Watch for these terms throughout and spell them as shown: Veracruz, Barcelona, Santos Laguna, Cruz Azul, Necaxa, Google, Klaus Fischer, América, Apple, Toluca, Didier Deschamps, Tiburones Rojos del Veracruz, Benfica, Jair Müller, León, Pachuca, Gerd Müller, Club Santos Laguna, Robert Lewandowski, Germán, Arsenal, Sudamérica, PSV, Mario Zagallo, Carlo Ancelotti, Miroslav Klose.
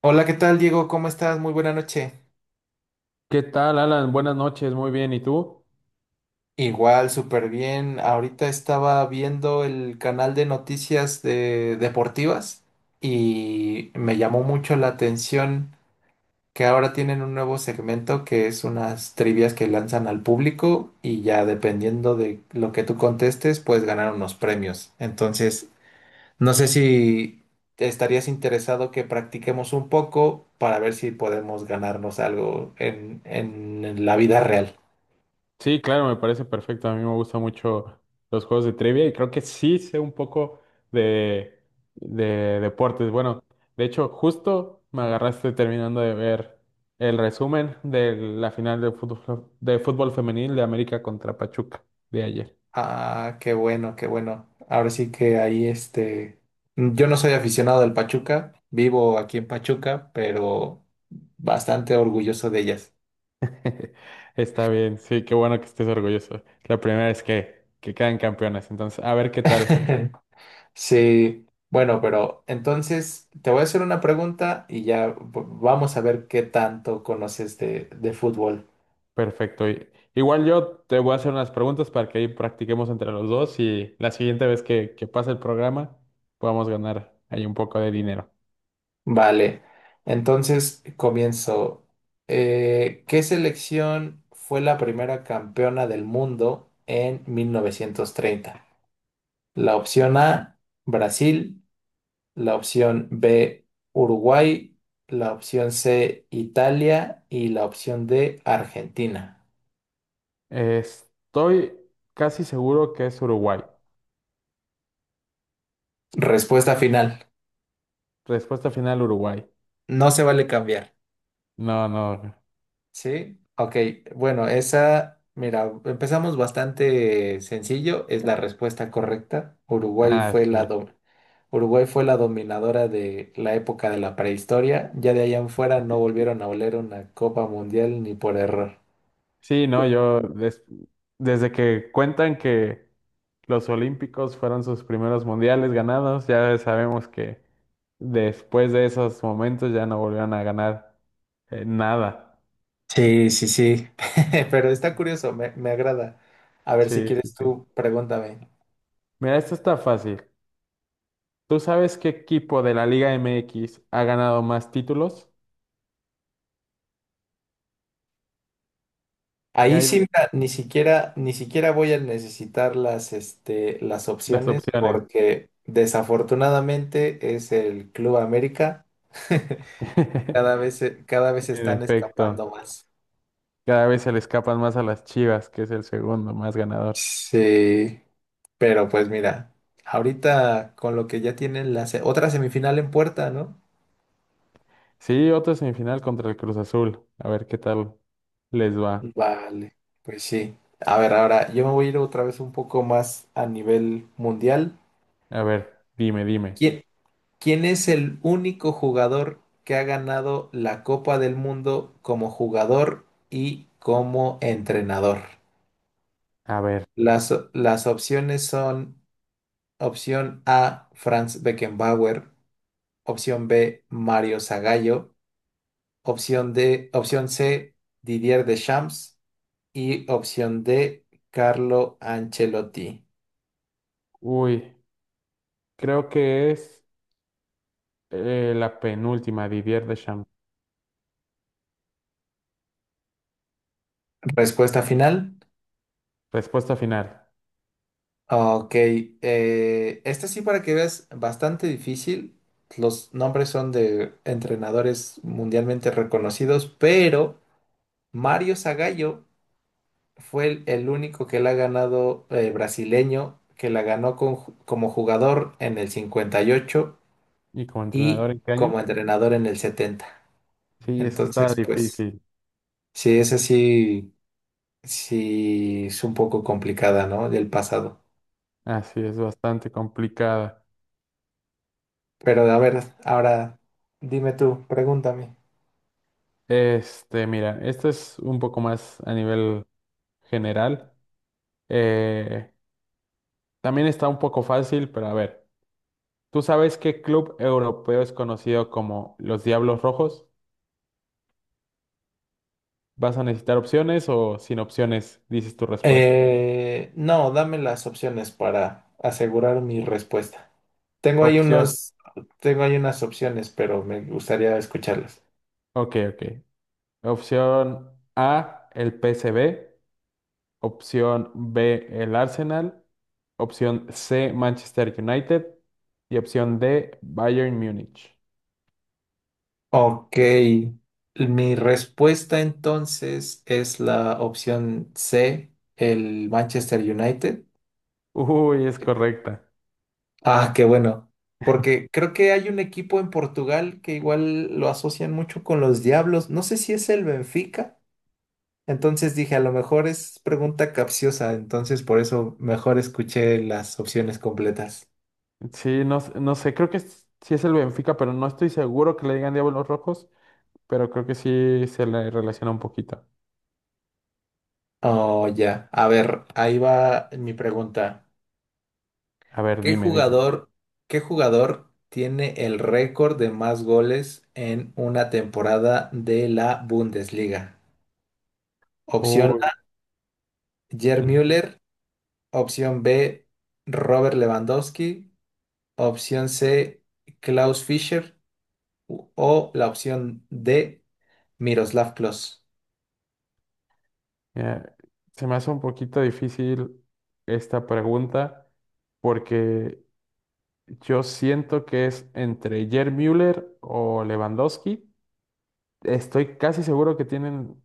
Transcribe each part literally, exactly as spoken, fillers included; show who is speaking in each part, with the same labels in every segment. Speaker 1: Hola, ¿qué tal, Diego? ¿Cómo estás? Muy buena noche.
Speaker 2: ¿Qué tal, Alan? Buenas noches, muy bien. ¿Y tú?
Speaker 1: Igual, súper bien. Ahorita estaba viendo el canal de noticias de deportivas y me llamó mucho la atención que ahora tienen un nuevo segmento que es unas trivias que lanzan al público y ya dependiendo de lo que tú contestes, puedes ganar unos premios. Entonces, no sé si estarías interesado que practiquemos un poco para ver si podemos ganarnos algo en en la vida real.
Speaker 2: Sí, claro, me parece perfecto. A mí me gustan mucho los juegos de trivia y creo que sí sé un poco de, de deportes. Bueno, de hecho, justo me agarraste terminando de ver el resumen de la final de fútbol, de fútbol femenil de América contra Pachuca de ayer.
Speaker 1: Ah, qué bueno, qué bueno. Ahora sí que ahí este, yo no soy aficionado al Pachuca, vivo aquí en Pachuca, pero bastante orgulloso de ellas.
Speaker 2: Está bien, sí, qué bueno que estés orgulloso. La primera vez que, que quedan campeonas. Entonces, a ver qué tal.
Speaker 1: Sí, bueno, pero entonces te voy a hacer una pregunta y ya v- vamos a ver qué tanto conoces de, de fútbol.
Speaker 2: Perfecto. y Igual yo te voy a hacer unas preguntas para que ahí practiquemos entre los dos y la siguiente vez que, que pase el programa podamos ganar ahí un poco de dinero.
Speaker 1: Vale, entonces comienzo. Eh, ¿qué selección fue la primera campeona del mundo en mil novecientos treinta? La opción A, Brasil. La opción B, Uruguay. La opción C, Italia. Y la opción D, Argentina.
Speaker 2: Estoy casi seguro que es Uruguay.
Speaker 1: Respuesta final.
Speaker 2: Respuesta final, Uruguay.
Speaker 1: No se vale cambiar.
Speaker 2: No, no.
Speaker 1: ¿Sí? Ok. Bueno, esa, mira, empezamos bastante sencillo. Es la respuesta correcta. Uruguay
Speaker 2: Ah,
Speaker 1: fue la
Speaker 2: sí.
Speaker 1: do- Uruguay fue la dominadora de la época de la prehistoria. Ya de allá en fuera no volvieron a oler una Copa Mundial ni por error.
Speaker 2: Sí, no, yo des- desde que cuentan que los Olímpicos fueron sus primeros mundiales ganados, ya sabemos que después de esos momentos ya no volvieron a ganar eh, nada.
Speaker 1: Sí, sí, sí, pero está curioso, me, me agrada. A ver si
Speaker 2: Sí, sí,
Speaker 1: quieres
Speaker 2: sí.
Speaker 1: tú, pregúntame.
Speaker 2: Mira, esto está fácil. ¿Tú sabes qué equipo de la Liga M X ha ganado más títulos? Y
Speaker 1: Ahí
Speaker 2: hay
Speaker 1: sí, mira, ni siquiera, ni siquiera voy a necesitar las, este, las
Speaker 2: las
Speaker 1: opciones
Speaker 2: opciones.
Speaker 1: porque desafortunadamente es el Club América. Cada vez, se- cada vez se
Speaker 2: En
Speaker 1: están
Speaker 2: efecto,
Speaker 1: escapando más.
Speaker 2: cada vez se le escapan más a las Chivas, que es el segundo más ganador.
Speaker 1: Sí, pero pues mira, ahorita con lo que ya tienen la se- otra semifinal en puerta, ¿no?
Speaker 2: Sí, otra semifinal contra el Cruz Azul. A ver qué tal les va.
Speaker 1: Vale, pues sí. A ver, ahora yo me voy a ir otra vez un poco más a nivel mundial.
Speaker 2: A ver, dime, dime.
Speaker 1: ¿Quién, quién es el único jugador que ha ganado la Copa del Mundo como jugador y como entrenador?
Speaker 2: A ver.
Speaker 1: Las, las opciones son opción A, Franz Beckenbauer, opción B, Mario Zagallo, opción D, opción C, Didier Deschamps y opción D, Carlo Ancelotti.
Speaker 2: Uy, creo que es eh, la penúltima, Didier Deschamps.
Speaker 1: Respuesta final.
Speaker 2: Respuesta final.
Speaker 1: Ah, Ok. eh, esta sí para que veas, bastante difícil. Los nombres son de entrenadores mundialmente reconocidos, pero Mario Zagallo fue el, el único que la ha ganado eh, brasileño, que la ganó con ju- como jugador en el cincuenta y ocho y ocho
Speaker 2: ¿Y como entrenador
Speaker 1: y
Speaker 2: en qué año?
Speaker 1: como entrenador en el setenta.
Speaker 2: Sí, es que estaba
Speaker 1: Entonces, pues,
Speaker 2: difícil.
Speaker 1: sí, esa sí, sí es un poco complicada, ¿no? Del pasado.
Speaker 2: Así es, bastante complicada.
Speaker 1: Pero a ver, ahora dime tú, pregúntame.
Speaker 2: Este, mira, esta es un poco más a nivel general. Eh, también está un poco fácil, pero a ver, ¿tú sabes qué club europeo es conocido como los Diablos Rojos? ¿Vas a necesitar opciones o sin opciones dices tu respuesta?
Speaker 1: Eh, no, dame las opciones para asegurar mi respuesta. Tengo ahí
Speaker 2: Opción,
Speaker 1: unos, Tengo ahí unas opciones, pero me gustaría escucharlas.
Speaker 2: ok, ok. Opción A, el P PSV. Opción B, el Arsenal. Opción C, Manchester United. Y opción D, Bayern Múnich.
Speaker 1: Ok, mi respuesta entonces es la opción C, el Manchester United.
Speaker 2: Uy, es correcta.
Speaker 1: Ah, qué bueno, porque creo que hay un equipo en Portugal que igual lo asocian mucho con los Diablos. No sé si es el Benfica. Entonces dije, a lo mejor es pregunta capciosa, entonces por eso mejor escuché las opciones completas.
Speaker 2: Sí, no, s- no sé, creo que es- sí es el Benfica, pero no estoy seguro que le digan Diablos Rojos, pero creo que sí se le relaciona un poquito.
Speaker 1: Oh, ya. A ver, ahí va mi pregunta.
Speaker 2: A ver,
Speaker 1: ¿Qué
Speaker 2: dime, dime.
Speaker 1: jugador, qué jugador tiene el récord de más goles en una temporada de la Bundesliga? Opción
Speaker 2: Uy,
Speaker 1: A, Gerd
Speaker 2: mm,
Speaker 1: Müller. Opción B, Robert Lewandowski. Opción C, Klaus Fischer. O la opción D, Miroslav Klose.
Speaker 2: Mira, se me hace un poquito difícil esta pregunta porque yo siento que es entre Jair Müller o Lewandowski. Estoy casi seguro que tienen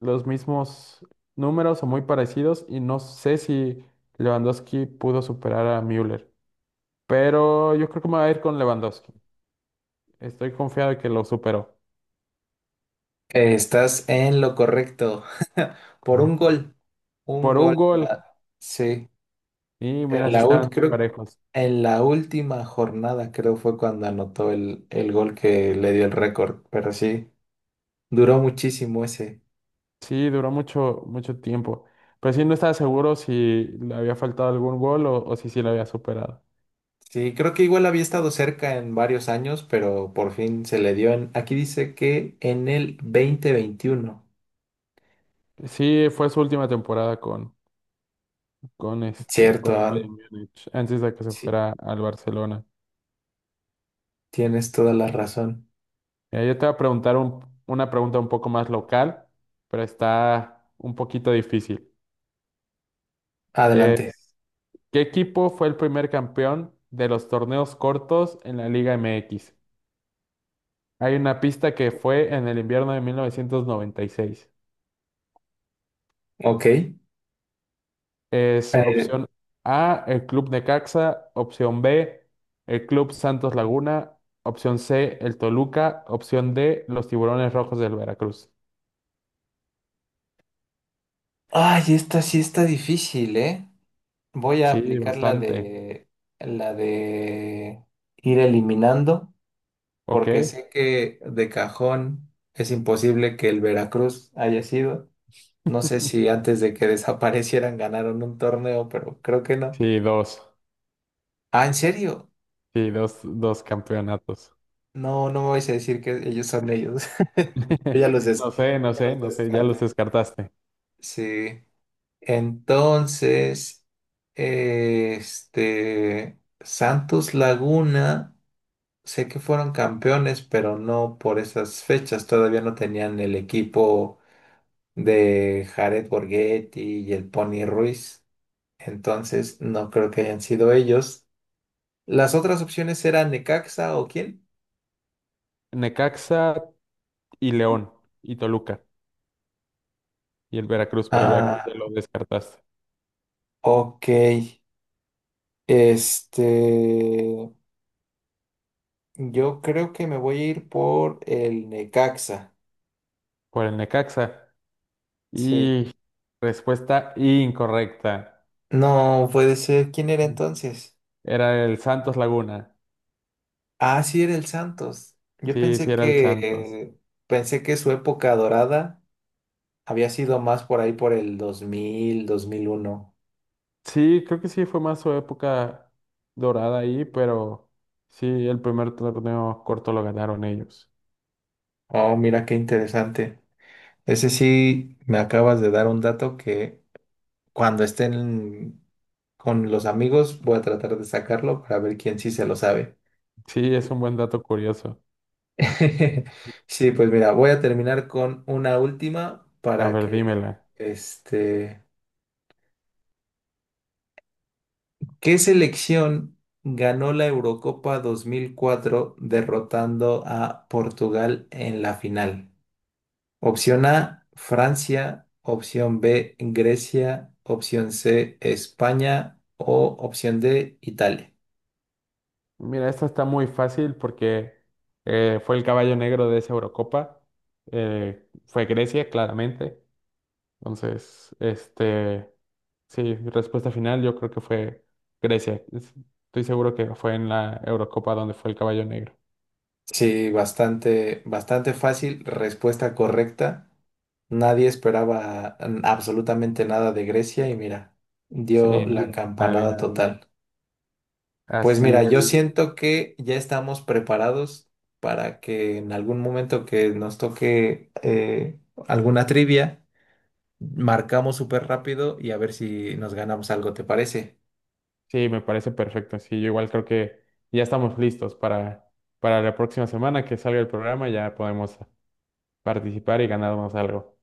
Speaker 2: los mismos números o muy parecidos y no sé si Lewandowski pudo superar a Müller, pero yo creo que me voy a ir con Lewandowski. Estoy confiado de que lo superó.
Speaker 1: Estás en lo correcto. Por
Speaker 2: Ujú.
Speaker 1: un gol. Un
Speaker 2: Por
Speaker 1: gol
Speaker 2: un
Speaker 1: en
Speaker 2: gol
Speaker 1: la, sí.
Speaker 2: y
Speaker 1: En
Speaker 2: mira, si
Speaker 1: la, ult-
Speaker 2: estaban muy
Speaker 1: creo,
Speaker 2: parejos.
Speaker 1: en la última jornada, creo fue cuando anotó el, el gol que le dio el récord. Pero sí, duró muchísimo ese.
Speaker 2: Sí, duró mucho, mucho tiempo, pero sí no estaba seguro si le había faltado algún gol o, o si sí lo había superado.
Speaker 1: Sí, creo que igual había estado cerca en varios años, pero por fin se le dio en. Aquí dice que en el dos mil veintiuno.
Speaker 2: Sí, fue su última temporada con, con este, con
Speaker 1: Cierto,
Speaker 2: el Bayern
Speaker 1: An-
Speaker 2: Múnich, antes de que se
Speaker 1: sí,
Speaker 2: fuera al Barcelona.
Speaker 1: tienes toda la razón.
Speaker 2: Mira, yo te voy a preguntar un- una pregunta un poco más local, pero está un poquito difícil.
Speaker 1: Adelante.
Speaker 2: Es, ¿qué equipo fue el primer campeón de los torneos cortos en la Liga M X? Hay una pista que fue en el invierno de mil novecientos noventa y seis.
Speaker 1: Ok. Eh,
Speaker 2: Es opción A, el Club Necaxa, opción B, el Club Santos Laguna, opción C, el Toluca, opción D, los Tiburones Rojos del Veracruz.
Speaker 1: Ay, esta sí está difícil, ¿eh? Voy a
Speaker 2: Sí,
Speaker 1: aplicar la
Speaker 2: bastante.
Speaker 1: de la de ir eliminando, porque
Speaker 2: Ok.
Speaker 1: sé que de cajón es imposible que el Veracruz haya sido. No sé si antes de que desaparecieran ganaron un torneo, pero creo que no.
Speaker 2: Sí, dos.
Speaker 1: Ah, ¿en serio?
Speaker 2: Sí, dos, dos campeonatos.
Speaker 1: No, no me vais a decir que ellos son ellos. Yo ya los, des-
Speaker 2: No sé,
Speaker 1: yo
Speaker 2: no
Speaker 1: ya
Speaker 2: sé,
Speaker 1: los
Speaker 2: no sé, ya los
Speaker 1: descarté.
Speaker 2: descartaste.
Speaker 1: Sí. Entonces, este Santos Laguna. Sé que fueron campeones, pero no por esas fechas. Todavía no tenían el equipo de Jared Borghetti y el Pony Ruiz. Entonces, no creo que hayan sido ellos. Las otras opciones eran Necaxa o quién.
Speaker 2: Necaxa y León y Toluca y el Veracruz, pero el Veracruz
Speaker 1: Ah,
Speaker 2: ya lo descartaste.
Speaker 1: ok. Este, yo creo que me voy a ir por el Necaxa.
Speaker 2: Por el Necaxa.
Speaker 1: Sí.
Speaker 2: Y respuesta incorrecta.
Speaker 1: No puede ser. ¿Quién era entonces?
Speaker 2: Era el Santos Laguna.
Speaker 1: Ah, sí, era el Santos. Yo
Speaker 2: Sí,
Speaker 1: pensé,
Speaker 2: sí,
Speaker 1: Sí,
Speaker 2: era el Santos.
Speaker 1: que pensé que su época dorada había sido más por ahí por el dos dos mil dos mil uno.
Speaker 2: Sí, creo que sí fue más su época dorada ahí, pero sí, el primer torneo corto lo ganaron ellos.
Speaker 1: Oh, mira qué interesante. Ese sí me acabas de dar un dato que cuando estén con los amigos voy a tratar de sacarlo para ver quién sí se lo sabe.
Speaker 2: Sí, es un buen dato curioso.
Speaker 1: Sí, pues mira, voy a terminar con una última
Speaker 2: A
Speaker 1: para
Speaker 2: ver,
Speaker 1: que
Speaker 2: dímela.
Speaker 1: este ¿Qué selección ganó la Eurocopa dos mil cuatro derrotando a Portugal en la final? Opción A, Francia, opción B, Grecia, opción C, España o opción D, Italia.
Speaker 2: Mira, esta está muy fácil porque eh, fue el caballo negro de esa Eurocopa. Eh, fue Grecia, claramente. Entonces, este, sí, respuesta final, yo creo que fue Grecia. Es- Estoy seguro que fue en la Eurocopa donde fue el caballo negro.
Speaker 1: Sí, bastante, bastante fácil, respuesta correcta. Nadie esperaba mm, absolutamente nada de Grecia y mira,
Speaker 2: Sí,
Speaker 1: dio la
Speaker 2: no,
Speaker 1: campanada
Speaker 2: nadie.
Speaker 1: total. Pues
Speaker 2: Así
Speaker 1: mira, yo
Speaker 2: es.
Speaker 1: siento que ya estamos preparados para que en algún momento que nos toque eh, alguna trivia, marcamos súper rápido y a ver si nos ganamos algo, ¿te parece?
Speaker 2: Sí, me parece perfecto. Sí, yo igual creo que ya estamos listos para, para la próxima semana que salga el programa, ya podemos participar y ganarnos algo.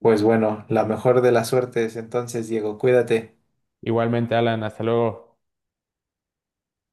Speaker 1: Pues bueno, la mejor de las suertes entonces, Diego, cuídate.
Speaker 2: Igualmente, Alan, hasta luego.